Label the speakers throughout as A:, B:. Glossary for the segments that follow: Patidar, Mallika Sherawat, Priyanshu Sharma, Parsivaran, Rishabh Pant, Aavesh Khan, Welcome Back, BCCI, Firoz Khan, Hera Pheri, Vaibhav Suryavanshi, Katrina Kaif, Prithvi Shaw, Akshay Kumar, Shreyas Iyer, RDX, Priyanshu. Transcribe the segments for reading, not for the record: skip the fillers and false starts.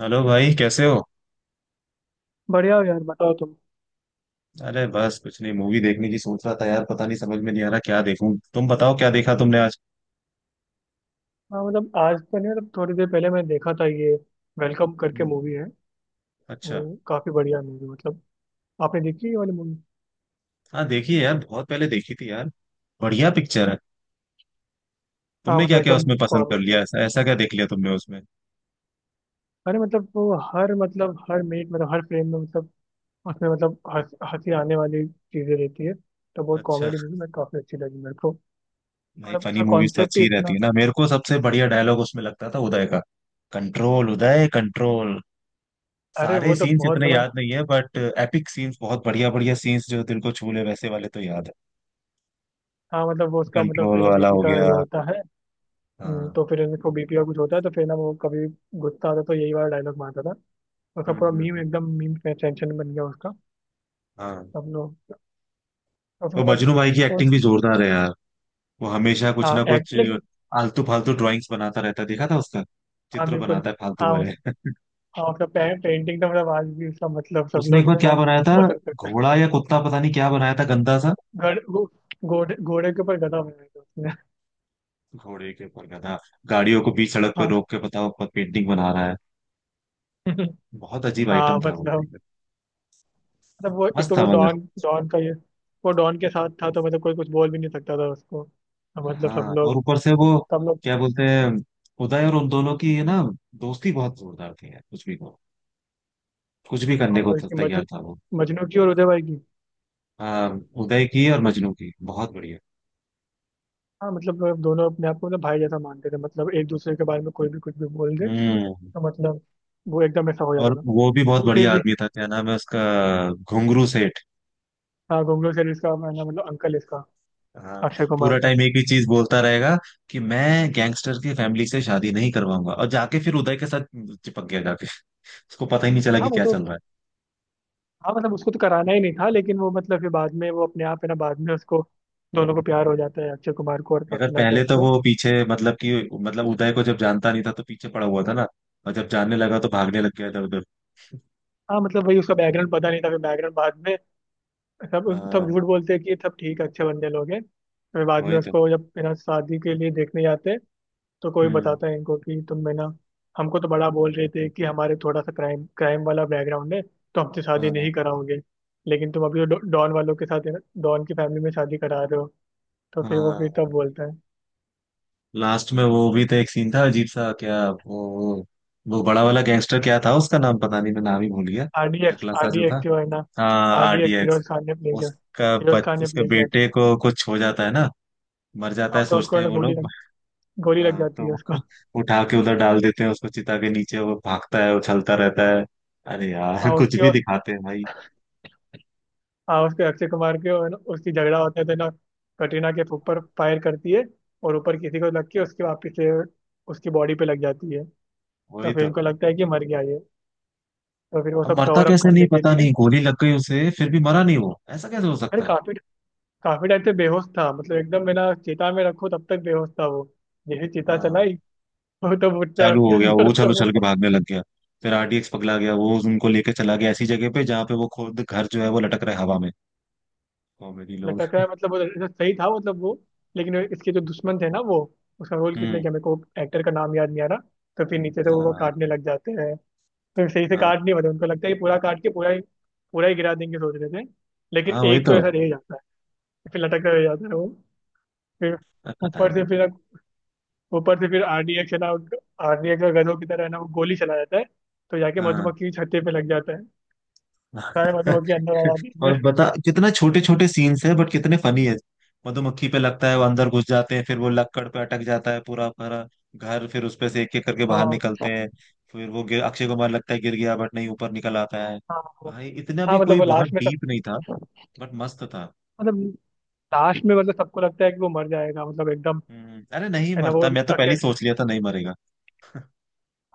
A: Hello भाई, कैसे हो।
B: बढ़िया हो यार, बताओ तुम।
A: अरे बस कुछ नहीं, मूवी देखने की सोच रहा था यार। पता नहीं, समझ में नहीं आ रहा क्या देखूं। तुम बताओ, क्या देखा तुमने आज।
B: हाँ मतलब आज तो नहीं, मतलब थोड़ी देर पहले मैंने देखा था ये, वेलकम करके
A: हम्म।
B: मूवी है। वो
A: अच्छा।
B: काफी बढ़िया मूवी मतलब। आपने देखी ये वाली मूवी?
A: हाँ देखी है यार, बहुत पहले देखी थी यार। बढ़िया पिक्चर है।
B: हाँ
A: तुमने
B: मतलब
A: क्या क्या
B: एकदम
A: उसमें पसंद कर
B: कॉमेडी।
A: लिया, ऐसा ऐसा क्या देख लिया तुमने उसमें।
B: अरे मतलब वो हर मतलब हर मिनट मतलब हर फ्रेम में मतलब उसमें मतलब हंसी आने वाली चीजें रहती है। तो बहुत
A: अच्छा।
B: कॉमेडी मूवी मैं काफी अच्छी लगी मेरे को।
A: नहीं,
B: मतलब
A: फनी
B: उसका
A: मूवीज तो
B: कॉन्सेप्ट
A: अच्छी
B: ही
A: ही रहती
B: इतना।
A: है ना। मेरे को सबसे बढ़िया डायलॉग उसमें लगता था उदय का। Control Uday control.
B: अरे
A: सारे
B: वो तो
A: सीन्स
B: बहुत
A: इतने
B: बड़ा।
A: याद नहीं है बट एपिक सीन्स, बहुत बढ़िया बढ़िया सीन्स जो दिल को छू ले वैसे वाले तो याद है।
B: हाँ मतलब वो उसका मतलब
A: कंट्रोल
B: है ना
A: वाला
B: बीपी
A: हो
B: का
A: गया।
B: ये होता है।
A: हाँ।
B: तो फिर इनको बीपी का कुछ होता है तो फिर ना वो कभी गुस्सा आता तो यही वाला डायलॉग मारता था। उसका पूरा मीम
A: हम्म।
B: एकदम मीम सेंसेशन बन गया उसका।
A: हाँ।
B: सब लोग उसमें
A: और
B: मतलब
A: मजनू भाई की एक्टिंग
B: उस।
A: भी जोरदार है यार। वो हमेशा कुछ
B: हाँ
A: ना
B: एक्ट
A: कुछ
B: लेकिन।
A: आलतू फालतू ड्राइंग्स बनाता रहता है, देखा था उसका।
B: हाँ
A: चित्र
B: बिल्कुल।
A: बनाता है फालतू
B: हाँ
A: वाले।
B: उस। हाँ उसका पेंटिंग तो मतलब आज भी उसका मतलब सब
A: उसने एक
B: लोग
A: बार
B: इतना
A: क्या बनाया था।
B: पसंद करते हैं।
A: घोड़ा या कुत्ता पता नहीं क्या बनाया था, गंदा सा।
B: गड़, गो, घोड़े घोड़े के ऊपर गधा बनाया था उसने।
A: घोड़े के ऊपर गधा। गाड़ियों को बीच सड़क पे
B: हाँ
A: रोक के, पता ऊपर पेंटिंग बना रहा है। बहुत अजीब
B: हाँ
A: आइटम था वो भी।
B: मतलब मतलब वो एक
A: मस्त
B: तो
A: था
B: वो
A: मगर।
B: डॉन डॉन का ये। वो डॉन के साथ था तो मतलब कोई कुछ बोल भी नहीं सकता था उसको। तो मतलब सब
A: हाँ, और
B: लोग,
A: ऊपर से वो
B: सब लोग।
A: क्या बोलते हैं, उदय और उन दोनों की ना दोस्ती बहुत जोरदार थी यार, कुछ भी कहो, कुछ भी
B: हाँ,
A: करने को
B: वो इसकी
A: तैयार था वो।
B: मजनू की और उदय भाई की।
A: हाँ, उदय की और मजनू की बहुत बढ़िया।
B: हाँ मतलब दोनों अपने आप को मतलब भाई जैसा मानते थे मतलब एक दूसरे के बारे में कोई भी कुछ भी बोल दे।
A: हम्म।
B: तो मतलब वो एकदम ऐसा हो जाता
A: और
B: था
A: वो भी बहुत
B: लेकिन फिर
A: बढ़िया
B: भी।
A: आदमी था, क्या नाम है उसका, घुंगरू सेठ।
B: हाँ गोगलो सर इसका, मैं ना मतलब अंकल इसका
A: हाँ।
B: अक्षय कुमार
A: पूरा
B: था।
A: टाइम एक ही चीज बोलता रहेगा कि मैं गैंगस्टर की फैमिली से शादी नहीं करवाऊंगा, और जाके फिर उदय के साथ चिपक गया जाके। उसको पता ही नहीं चला
B: हाँ
A: कि
B: वो
A: क्या
B: तो।
A: चल रहा है।
B: हाँ मतलब उसको तो कराना ही नहीं था लेकिन वो मतलब फिर बाद में वो अपने आप है ना, बाद में उसको दोनों को प्यार हो जाता है, अक्षय कुमार को और
A: मगर
B: कैटरीना
A: पहले
B: कैफ
A: तो
B: को।
A: वो पीछे मतलब कि मतलब उदय को जब जानता नहीं था तो पीछे पड़ा हुआ था ना। और जब जानने लगा तो भागने लग गया इधर उधर।
B: हाँ मतलब वही उसका बैकग्राउंड पता नहीं था, फिर बैकग्राउंड बाद में सब उनको, सब
A: हाँ,
B: झूठ बोलते हैं कि सब ठीक है, अच्छे बंदे लोग हैं। फिर बाद में
A: वही तो।
B: उसको जब है ना शादी के लिए देखने जाते हैं तो कोई
A: हम्म।
B: बताता है इनको कि तुम है ना, हमको तो बड़ा बोल रहे थे कि हमारे थोड़ा सा क्राइम क्राइम वाला बैकग्राउंड है तो हमसे शादी
A: हाँ
B: नहीं कराओगे, लेकिन तुम अभी वो डॉन वालों के साथ है ना, डॉन की फैमिली में शादी करा रहे हो। तो फिर वो फिर
A: हाँ।
B: तब बोलता है।
A: लास्ट में वो भी तो एक सीन था, अजीब सा। क्या वो वो बड़ा वाला गैंगस्टर क्या था उसका नाम, पता नहीं, मैं नाम ही भूल गया। टकला
B: आर
A: सा
B: डी
A: जो
B: एक्स
A: था।
B: जो है ना,
A: हाँ,
B: R D X
A: RDX.
B: Feroz Khan ने प्ले किया। फिरोज खान ने
A: उसके
B: प्ले किया था।
A: बेटे को कुछ हो जाता है ना। मर जाता
B: हाँ
A: है
B: तो उसको
A: सोचते
B: है
A: हैं
B: ना
A: वो लोग।
B: गोली लग
A: हाँ तो
B: जाती है उसको।
A: वो उठा के उधर डाल देते हैं उसको चिता के नीचे, वो भागता है उछलता रहता है। अरे यार,
B: हाँ
A: कुछ
B: उसकी
A: भी
B: और-।
A: दिखाते हैं भाई।
B: हाँ उसके अक्षय कुमार के और ना उसकी झगड़ा होता है तो ना कटरीना के ऊपर फायर करती है और ऊपर किसी को लग के उसके वापिस से उसकी बॉडी पे लग जाती है। तो
A: वही
B: फिर
A: तो।
B: इनको लगता है कि मर गया ये। तो फिर वो
A: अब
B: सब
A: मरता
B: कवर अप
A: कैसे नहीं,
B: करने के
A: पता
B: लिए।
A: नहीं। गोली लग गई उसे फिर भी मरा नहीं वो, ऐसा कैसे हो
B: अरे
A: सकता है।
B: काफी काफी टाइम से बेहोश था मतलब एकदम, मेरा चिता में रखो तब तक बेहोश था वो। जैसे चिता
A: हाँ।
B: चलाई वो तो उठता है
A: चालू
B: उसके
A: हो गया
B: अंदर
A: वो,
B: से
A: चालू
B: वो।
A: चल के भागने लग गया। फिर आरडीएक्स पगला गया, वो उनको लेके चला गया ऐसी जगह पे जहाँ पे वो खुद, घर जो है वो लटक रहा है हवा में। कॉमेडी लोग।
B: लटक रहा है मतलब वो ऐसा सही था मतलब वो, लेकिन इसके जो दुश्मन थे ना वो, उसका रोल किसने
A: हम्म।
B: किया मेरे को एक्टर का नाम याद नहीं आ रहा। तो फिर नीचे से वो
A: हाँ
B: काटने लग जाते हैं। फिर सही से
A: हाँ
B: काट नहीं पाते, उनको लगता है कि पूरा काट के पूरा ही गिरा देंगे सोच रहे थे, लेकिन
A: हाँ। वही
B: एक तो
A: तो।
B: ऐसा रह जाता है। फिर लटक कर रह जाता है वो। फिर
A: पता
B: ऊपर से
A: नहीं।
B: फिर ऊपर से फिर आरडीए चला। आरडीए का गधों की तरह है ना वो गोली चला जाता है तो जाके
A: हाँ।
B: मधुमक्खी की छत्ते पे लग जाता है। सारे मधुमक्खी अंदर आ जाती है।
A: और बता, कितना छोटे छोटे सीन्स है बट कितने फनी है। मधुमक्खी पे लगता है, वो अंदर घुस जाते हैं, फिर वो लक्कड़ पे अटक जाता है पूरा भरा घर, फिर उसपे से एक एक करके
B: हाँ
A: बाहर निकलते
B: हाँ।
A: हैं। फिर अक्षय कुमार लगता है गिर गया बट नहीं, ऊपर निकल आता है।
B: हाँ
A: भाई इतना
B: हाँ,
A: भी
B: मतलब
A: कोई
B: वो
A: बहुत
B: लास्ट में सब,
A: डीप नहीं था। बट मस्त था।
B: मतलब लास्ट में मतलब सबको लगता है कि वो मर जाएगा मतलब एकदम,
A: हम्म। अरे नहीं
B: है ना वो
A: मरता, मैं तो पहले ही
B: अकेले।
A: सोच लिया था नहीं मरेगा।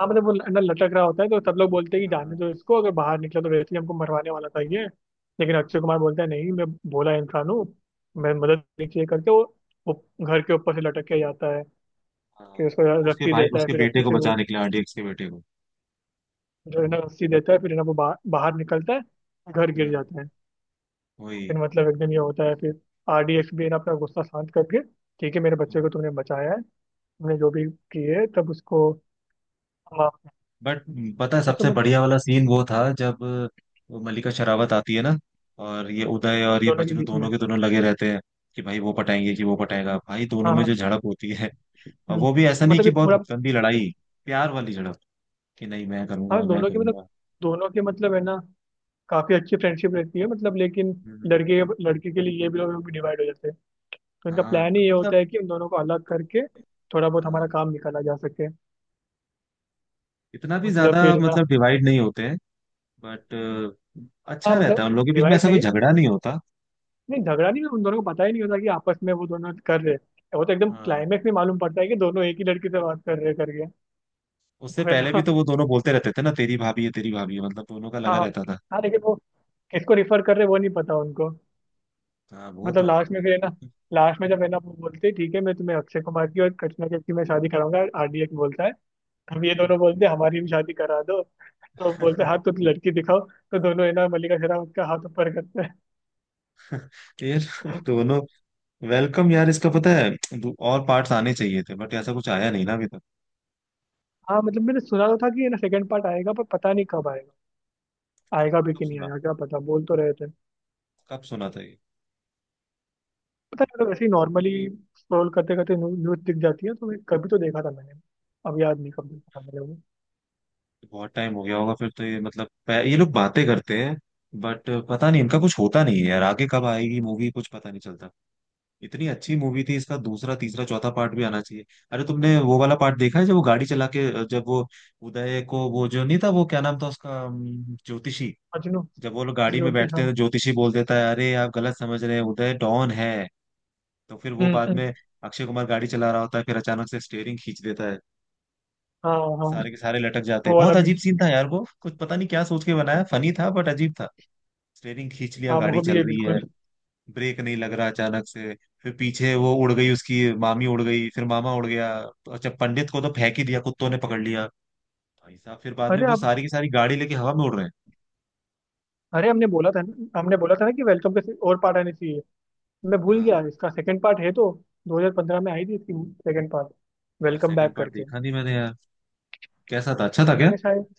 B: हाँ मतलब वो है ना लटक रहा होता है तो सब लोग बोलते हैं कि जाने
A: हाँ।
B: दो इसको, अगर बाहर निकला तो वैसे ही हमको मरवाने वाला था ये। लेकिन अक्षय कुमार बोलता है नहीं, मैं भोला इंसान हूँ, मैं मदद नीचे करके वो घर के ऊपर से लटक के जाता है। फिर
A: हाँ,
B: उसको
A: उसके
B: रस्सी
A: भाई
B: देता है,
A: उसके
B: फिर
A: बेटे
B: रस्सी
A: को
B: से वो
A: बचाने के लिए, आरडीएक्स के बेटे को।
B: जो है ना रस्सी देता है फिर है ना वो बाहर निकलता है, घर गिर
A: हम्म।
B: जाता है। फिर
A: वही।
B: मतलब एकदम ये होता है, फिर आरडीएक्स भी है ना अपना गुस्सा शांत करके ठीक है मेरे बच्चे को
A: हाँ।
B: तूने बचाया है, तूने जो भी किए तब उसको। हाँ।
A: बट पता है
B: ऐसा
A: सबसे
B: मत।
A: बढ़िया वाला सीन वो था जब वो मल्लिका शरावत आती है ना, और ये उदय और ये
B: दोनों के
A: मजनू
B: बीच में।
A: दोनों के दोनों लगे रहते हैं कि भाई वो पटाएंगे कि वो पटाएगा भाई, दोनों
B: हाँ
A: में
B: हाँ।
A: जो झड़प होती है। और
B: हम्म,
A: वो भी ऐसा नहीं
B: मतलब
A: कि
B: ये
A: बहुत
B: पूरा।
A: गंदी लड़ाई। प्यार वाली झड़प। कि नहीं मैं
B: हाँ
A: करूंगा, मैं करूंगा।
B: दोनों के मतलब है ना काफी अच्छी फ्रेंडशिप रहती है मतलब, लेकिन
A: हम्म।
B: लड़के लड़के के लिए ये भी लोग भी डिवाइड हो जाते हैं, तो इनका प्लान ही
A: हाँ
B: ये होता
A: मतलब।
B: है कि उन दोनों को अलग करके थोड़ा बहुत हमारा
A: हाँ।
B: काम निकाला जा सके।
A: इतना भी
B: मतलब
A: ज्यादा
B: फिर ना।
A: मतलब डिवाइड नहीं होते हैं। बट
B: हाँ
A: अच्छा रहता
B: मतलब
A: है उन लोगों के बीच में,
B: डिवाइड
A: ऐसा कोई
B: नहीं,
A: झगड़ा नहीं होता।
B: नहीं झगड़ा नहीं, उन दोनों को पता ही नहीं होता कि आपस में वो दोनों कर रहे हैं, वो तो एकदम
A: हाँ।
B: क्लाइमेक्स में मालूम पड़ता है कि दोनों एक ही लड़की से बात कर रहे हैं करके। तो
A: उससे
B: फिर
A: पहले भी
B: ना।
A: तो वो दोनों बोलते रहते थे ना, तेरी भाभी है तेरी भाभी है, मतलब दोनों का
B: हाँ
A: लगा
B: हाँ।
A: रहता था।
B: हाँ, लेकिन वो किसको रिफर कर रहे हैं, वो नहीं पता उनको।
A: हाँ, वो तो
B: मतलब
A: है।
B: लास्ट में फिर है ना, लास्ट में जब है ना वो बोलते हैं ठीक है मैं तुम्हें अक्षय कुमार की और कटरीना कैफ की मैं शादी कराऊंगा, आरडीएक्स बोलता है। तब ये दोनों बोलते हैं हमारी भी शादी करा दो, तो बोलते हैं हाथ तो लड़की दिखाओ, तो दोनों है ना मल्लिका शेरावत का हाथ ऊपर करते हैं।
A: यार दोनों। वेलकम यार, इसका पता है। और पार्ट्स आने चाहिए थे बट ऐसा कुछ आया नहीं ना अभी तक।
B: हाँ मतलब मैंने सुना तो था कि ये ना सेकंड पार्ट आएगा पर पता नहीं कब आएगा,
A: कब।
B: आएगा भी
A: कब
B: कि नहीं
A: सुना।
B: आएगा क्या पता, बोल तो रहे थे।
A: कब सुना था ये।
B: पता नहीं मतलब ऐसे ही नॉर्मली स्क्रॉल करते करते न्यूज दिख जाती है तो मैं कभी तो देखा था मैंने, अब याद नहीं कब देखा था मैंने वो।
A: बहुत टाइम हो गया होगा फिर तो, ये मतलब ये लोग बातें करते हैं बट पता नहीं इनका कुछ होता नहीं है यार, आगे कब आएगी मूवी कुछ पता नहीं चलता। इतनी अच्छी मूवी थी, इसका दूसरा तीसरा चौथा पार्ट भी आना चाहिए। अरे तुमने वो वाला पार्ट देखा है जब वो गाड़ी चला के, जब वो उदय को, वो जो नहीं था वो, क्या नाम था उसका ज्योतिषी।
B: अजनू।
A: जब वो लोग गाड़ी में
B: अजयोति,
A: बैठते
B: हाँ।
A: हैं तो ज्योतिषी बोल देता है, अरे आप गलत समझ रहे हैं, उदय डॉन है। तो फिर वो
B: हम्म
A: बाद
B: हम्म,
A: में अक्षय कुमार गाड़ी चला रहा होता है, फिर अचानक से स्टेयरिंग खींच देता है।
B: हाँ हाँ।
A: सारे के सारे लटक जाते हैं,
B: वो वाला
A: बहुत
B: भी।
A: अजीब सीन था यार वो, कुछ पता नहीं क्या सोच के बनाया। फनी था बट अजीब था। स्टेयरिंग खींच लिया,
B: हाँ
A: गाड़ी
B: वो भी
A: चल
B: है
A: रही है।
B: बिल्कुल।
A: ब्रेक नहीं लग रहा अचानक से। फिर पीछे वो उड़ गई, उसकी मामी उड़ गई, फिर मामा उड़ गया। तो अच्छा, पंडित को तो फेंक ही दिया, कुत्तों ने पकड़ लिया। भाई साहब, फिर बाद में
B: अरे
A: वो
B: आप।
A: सारी की सारी गाड़ी लेके हवा में उड़ रहे हैं।
B: अरे हमने बोला था ना कि वेलकम और पार्ट आने चाहिए। मैं भूल
A: हाँ।
B: गया इसका सेकंड पार्ट है तो 2015 में आई थी इसकी सेकंड पार्ट,
A: यार
B: वेलकम बैक
A: सेकंड पार्ट
B: करके।
A: देखा नहीं मैंने यार। कैसा था, अच्छा था क्या।
B: मैंने शायद,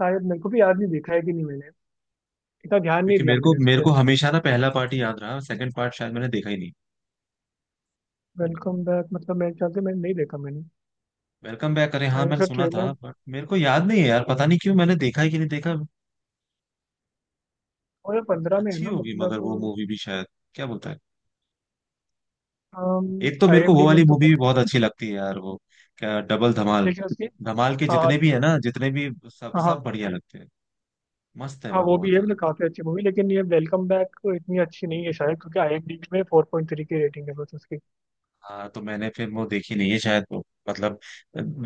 B: शायद मेरे को भी याद नहीं देखा है कि नहीं मैंने, इतना ध्यान नहीं
A: क्योंकि
B: दिया
A: मेरे को
B: मैंने उस
A: मेरे
B: पर।
A: को हमेशा ना पहला पार्ट ही याद रहा, सेकंड पार्ट शायद मैंने देखा ही नहीं।
B: वेलकम बैक मतलब मेरे ख्याल से मैंने नहीं देखा मैंने,
A: वेलकम बैक, अरे हाँ
B: शायद
A: मैंने
B: उसका
A: सुना था
B: ट्रेलर।
A: बट मेरे को याद नहीं है यार, पता नहीं क्यों, मैंने देखा ही कि नहीं देखा।
B: 2015 में है
A: अच्छी
B: ना
A: होगी मगर वो
B: मतलब।
A: मूवी भी शायद। क्या बोलता है। एक तो
B: आई
A: मेरे को
B: एम
A: वो
B: डी
A: वाली
B: में तो
A: मूवी
B: बहुत,
A: भी बहुत अच्छी लगती है यार वो। क्या डबल धमाल।
B: लेकिन उसकी।
A: धमाल के
B: हाँ हाँ।
A: जितने भी है ना, जितने भी सब
B: हाँ
A: सब
B: हाँ।
A: बढ़िया लगते हैं। मस्त है
B: हाँ,
A: वो
B: वो भी
A: बहुत
B: है
A: ज्यादा।
B: मतलब काफी अच्छी मूवी, लेकिन ये वेलकम बैक इतनी अच्छी नहीं है शायद क्योंकि आई एम डी में फोर पॉइंट थ्री की रेटिंग है बस उसकी।
A: हाँ तो मैंने फिर वो देखी नहीं है शायद वो, मतलब।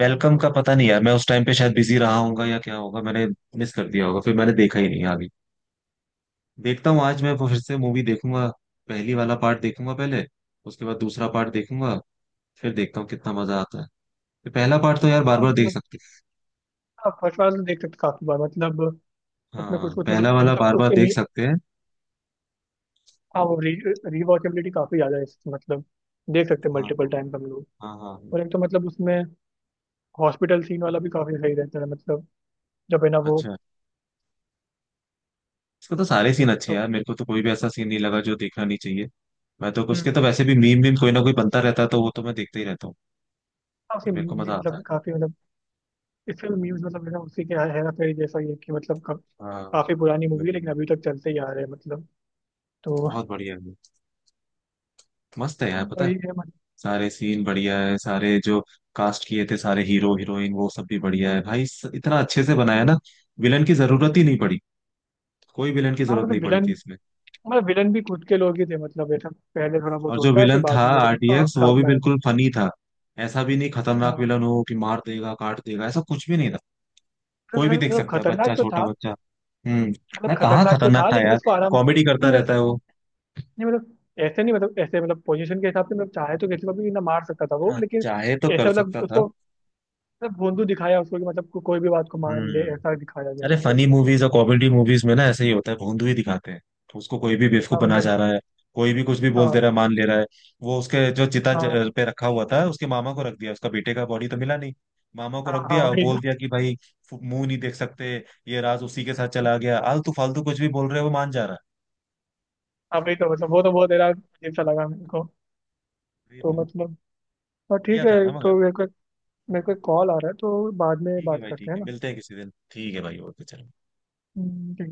B: हाँ।
A: वेलकम का पता नहीं यार, मैं उस टाइम पे शायद बिजी रहा होगा या क्या होगा, मैंने मिस कर दिया होगा, फिर मैंने देखा ही नहीं आगे। देखता हूँ, आज मैं वो फिर से मूवी देखूंगा। पहली वाला पार्ट देखूंगा पहले। उसके बाद दूसरा पार्ट देखूंगा। फिर देखता हूँ कितना मजा आता है। तो पहला पार्ट तो यार बार
B: हाँ
A: बार देख
B: मतलब।
A: सकते हैं।
B: हाँ फर्स्ट बार तो देख सकते काफी बार, मतलब उसमें कुछ
A: हाँ,
B: कुछ
A: पहला
B: मतलब अभी
A: वाला
B: तक
A: बार बार
B: उसके
A: देख
B: मी।
A: सकते हैं।
B: हाँ वो री रिवॉचेबिलिटी काफी ज्यादा है इसकी मतलब। देख सकते हैं
A: हाँ
B: मल्टीपल
A: हाँ
B: टाइम हम लोग।
A: हाँ हाँ हाँ।
B: और एक तो मतलब उसमें हॉस्पिटल सीन वाला भी काफी सही रहता है मतलब जब है ना वो।
A: अच्छा। इसको तो सारे सीन अच्छे हैं
B: तो।
A: यार, मेरे को तो कोई भी ऐसा सीन नहीं लगा जो देखना नहीं चाहिए। मैं तो
B: हम्म।
A: उसके तो वैसे भी मीम मीम कोई ना कोई बनता रहता है, तो वो तो मैं देखते ही रहता हूँ।
B: हाँ,
A: तो
B: उसकी
A: मेरे को
B: म्यूजिक भी
A: मजा आता है।
B: मतलब काफी मतलब, इसका न्यूज मतलब है ना, उसी के हेरा फेरी जैसा ही है कि मतलब कब,
A: हाँ
B: काफी पुरानी मूवी है लेकिन
A: वही।
B: अभी तक चलते ही आ रहे हैं मतलब। तो
A: बहुत बढ़िया है। मस्त है यार, पता है।
B: वही है मतलब।
A: सारे सीन बढ़िया है, सारे जो कास्ट किए थे सारे हीरो हीरोइन वो सब भी बढ़िया है भाई, इतना अच्छे से बनाया ना। विलन की जरूरत ही नहीं पड़ी। कोई विलन की
B: हाँ
A: जरूरत
B: मतलब
A: नहीं पड़ी
B: विलन,
A: थी इसमें।
B: मतलब विलन भी खुद के लोग ही थे मतलब, ऐसा पहले थोड़ा बहुत
A: और जो
B: होता है फिर
A: विलन था
B: बाद में। आ,
A: आरटीएक्स
B: साथ
A: वो भी
B: में आया।
A: बिल्कुल फनी था। ऐसा भी नहीं खतरनाक
B: हाँ
A: विलन हो कि मार देगा काट देगा, ऐसा कुछ भी नहीं था।
B: मतलब
A: कोई भी
B: ऐसा-
A: देख
B: मतलब
A: सकता है,
B: खतरनाक
A: बच्चा
B: तो
A: छोटा
B: था,
A: बच्चा। हम्म। ना
B: मतलब
A: कहाँ
B: खतरनाक तो
A: खतरनाक
B: था
A: था
B: लेकिन
A: यार।
B: उसको आराम
A: कॉमेडी करता
B: नहीं मतलब।
A: रहता है वो।
B: नहीं मतलब ऐसे नहीं मतलब ऐसे मतलब पोजीशन के हिसाब से मतलब चाहे तो किसी को भी ना मार सकता था वो,
A: हाँ,
B: लेकिन
A: चाहे तो कर
B: ऐसा मतलब
A: सकता था।
B: उसको मतलब भोंदू दिखाया उसको कि मतलब कोई भी बात को मान ले
A: हम्म।
B: ऐसा दिखाया गया
A: अरे
B: मतलब।
A: फनी मूवीज और कॉमेडी मूवीज में ना ऐसे ही होता है, भोंदू ही दिखाते हैं। उसको कोई भी बेवकूफ
B: हाँ
A: बना
B: मतलब।
A: जा रहा है। कोई भी कुछ भी बोल दे
B: हाँ
A: रहा है, मान ले रहा है। वो उसके जो चिता
B: हाँ।
A: पे रखा हुआ था, उसके मामा को रख दिया, उसका बेटे का बॉडी तो मिला नहीं। मामा को
B: हाँ।
A: रख
B: हाँ
A: दिया और
B: वही तो।
A: बोल दिया कि भाई मुंह नहीं देख सकते। ये राज उसी के साथ चला गया, आलतू फालतू कुछ भी बोल रहे हो वो मान जा रहा
B: हाँ
A: है।
B: वही तो मतलब वो तो बहुत ज्यादा अजीब सा लगा मेरे को।
A: ये
B: तो
A: तो
B: मतलब। और ठीक
A: बढ़िया
B: है।
A: था ना।
B: तो मेरे को
A: मगर
B: एक कॉल आ रहा है तो बाद में
A: ठीक है
B: बात
A: भाई,
B: करते
A: ठीक
B: हैं
A: है
B: ना।
A: मिलते हैं किसी दिन, ठीक है भाई, ओके चलो।
B: ठीक है।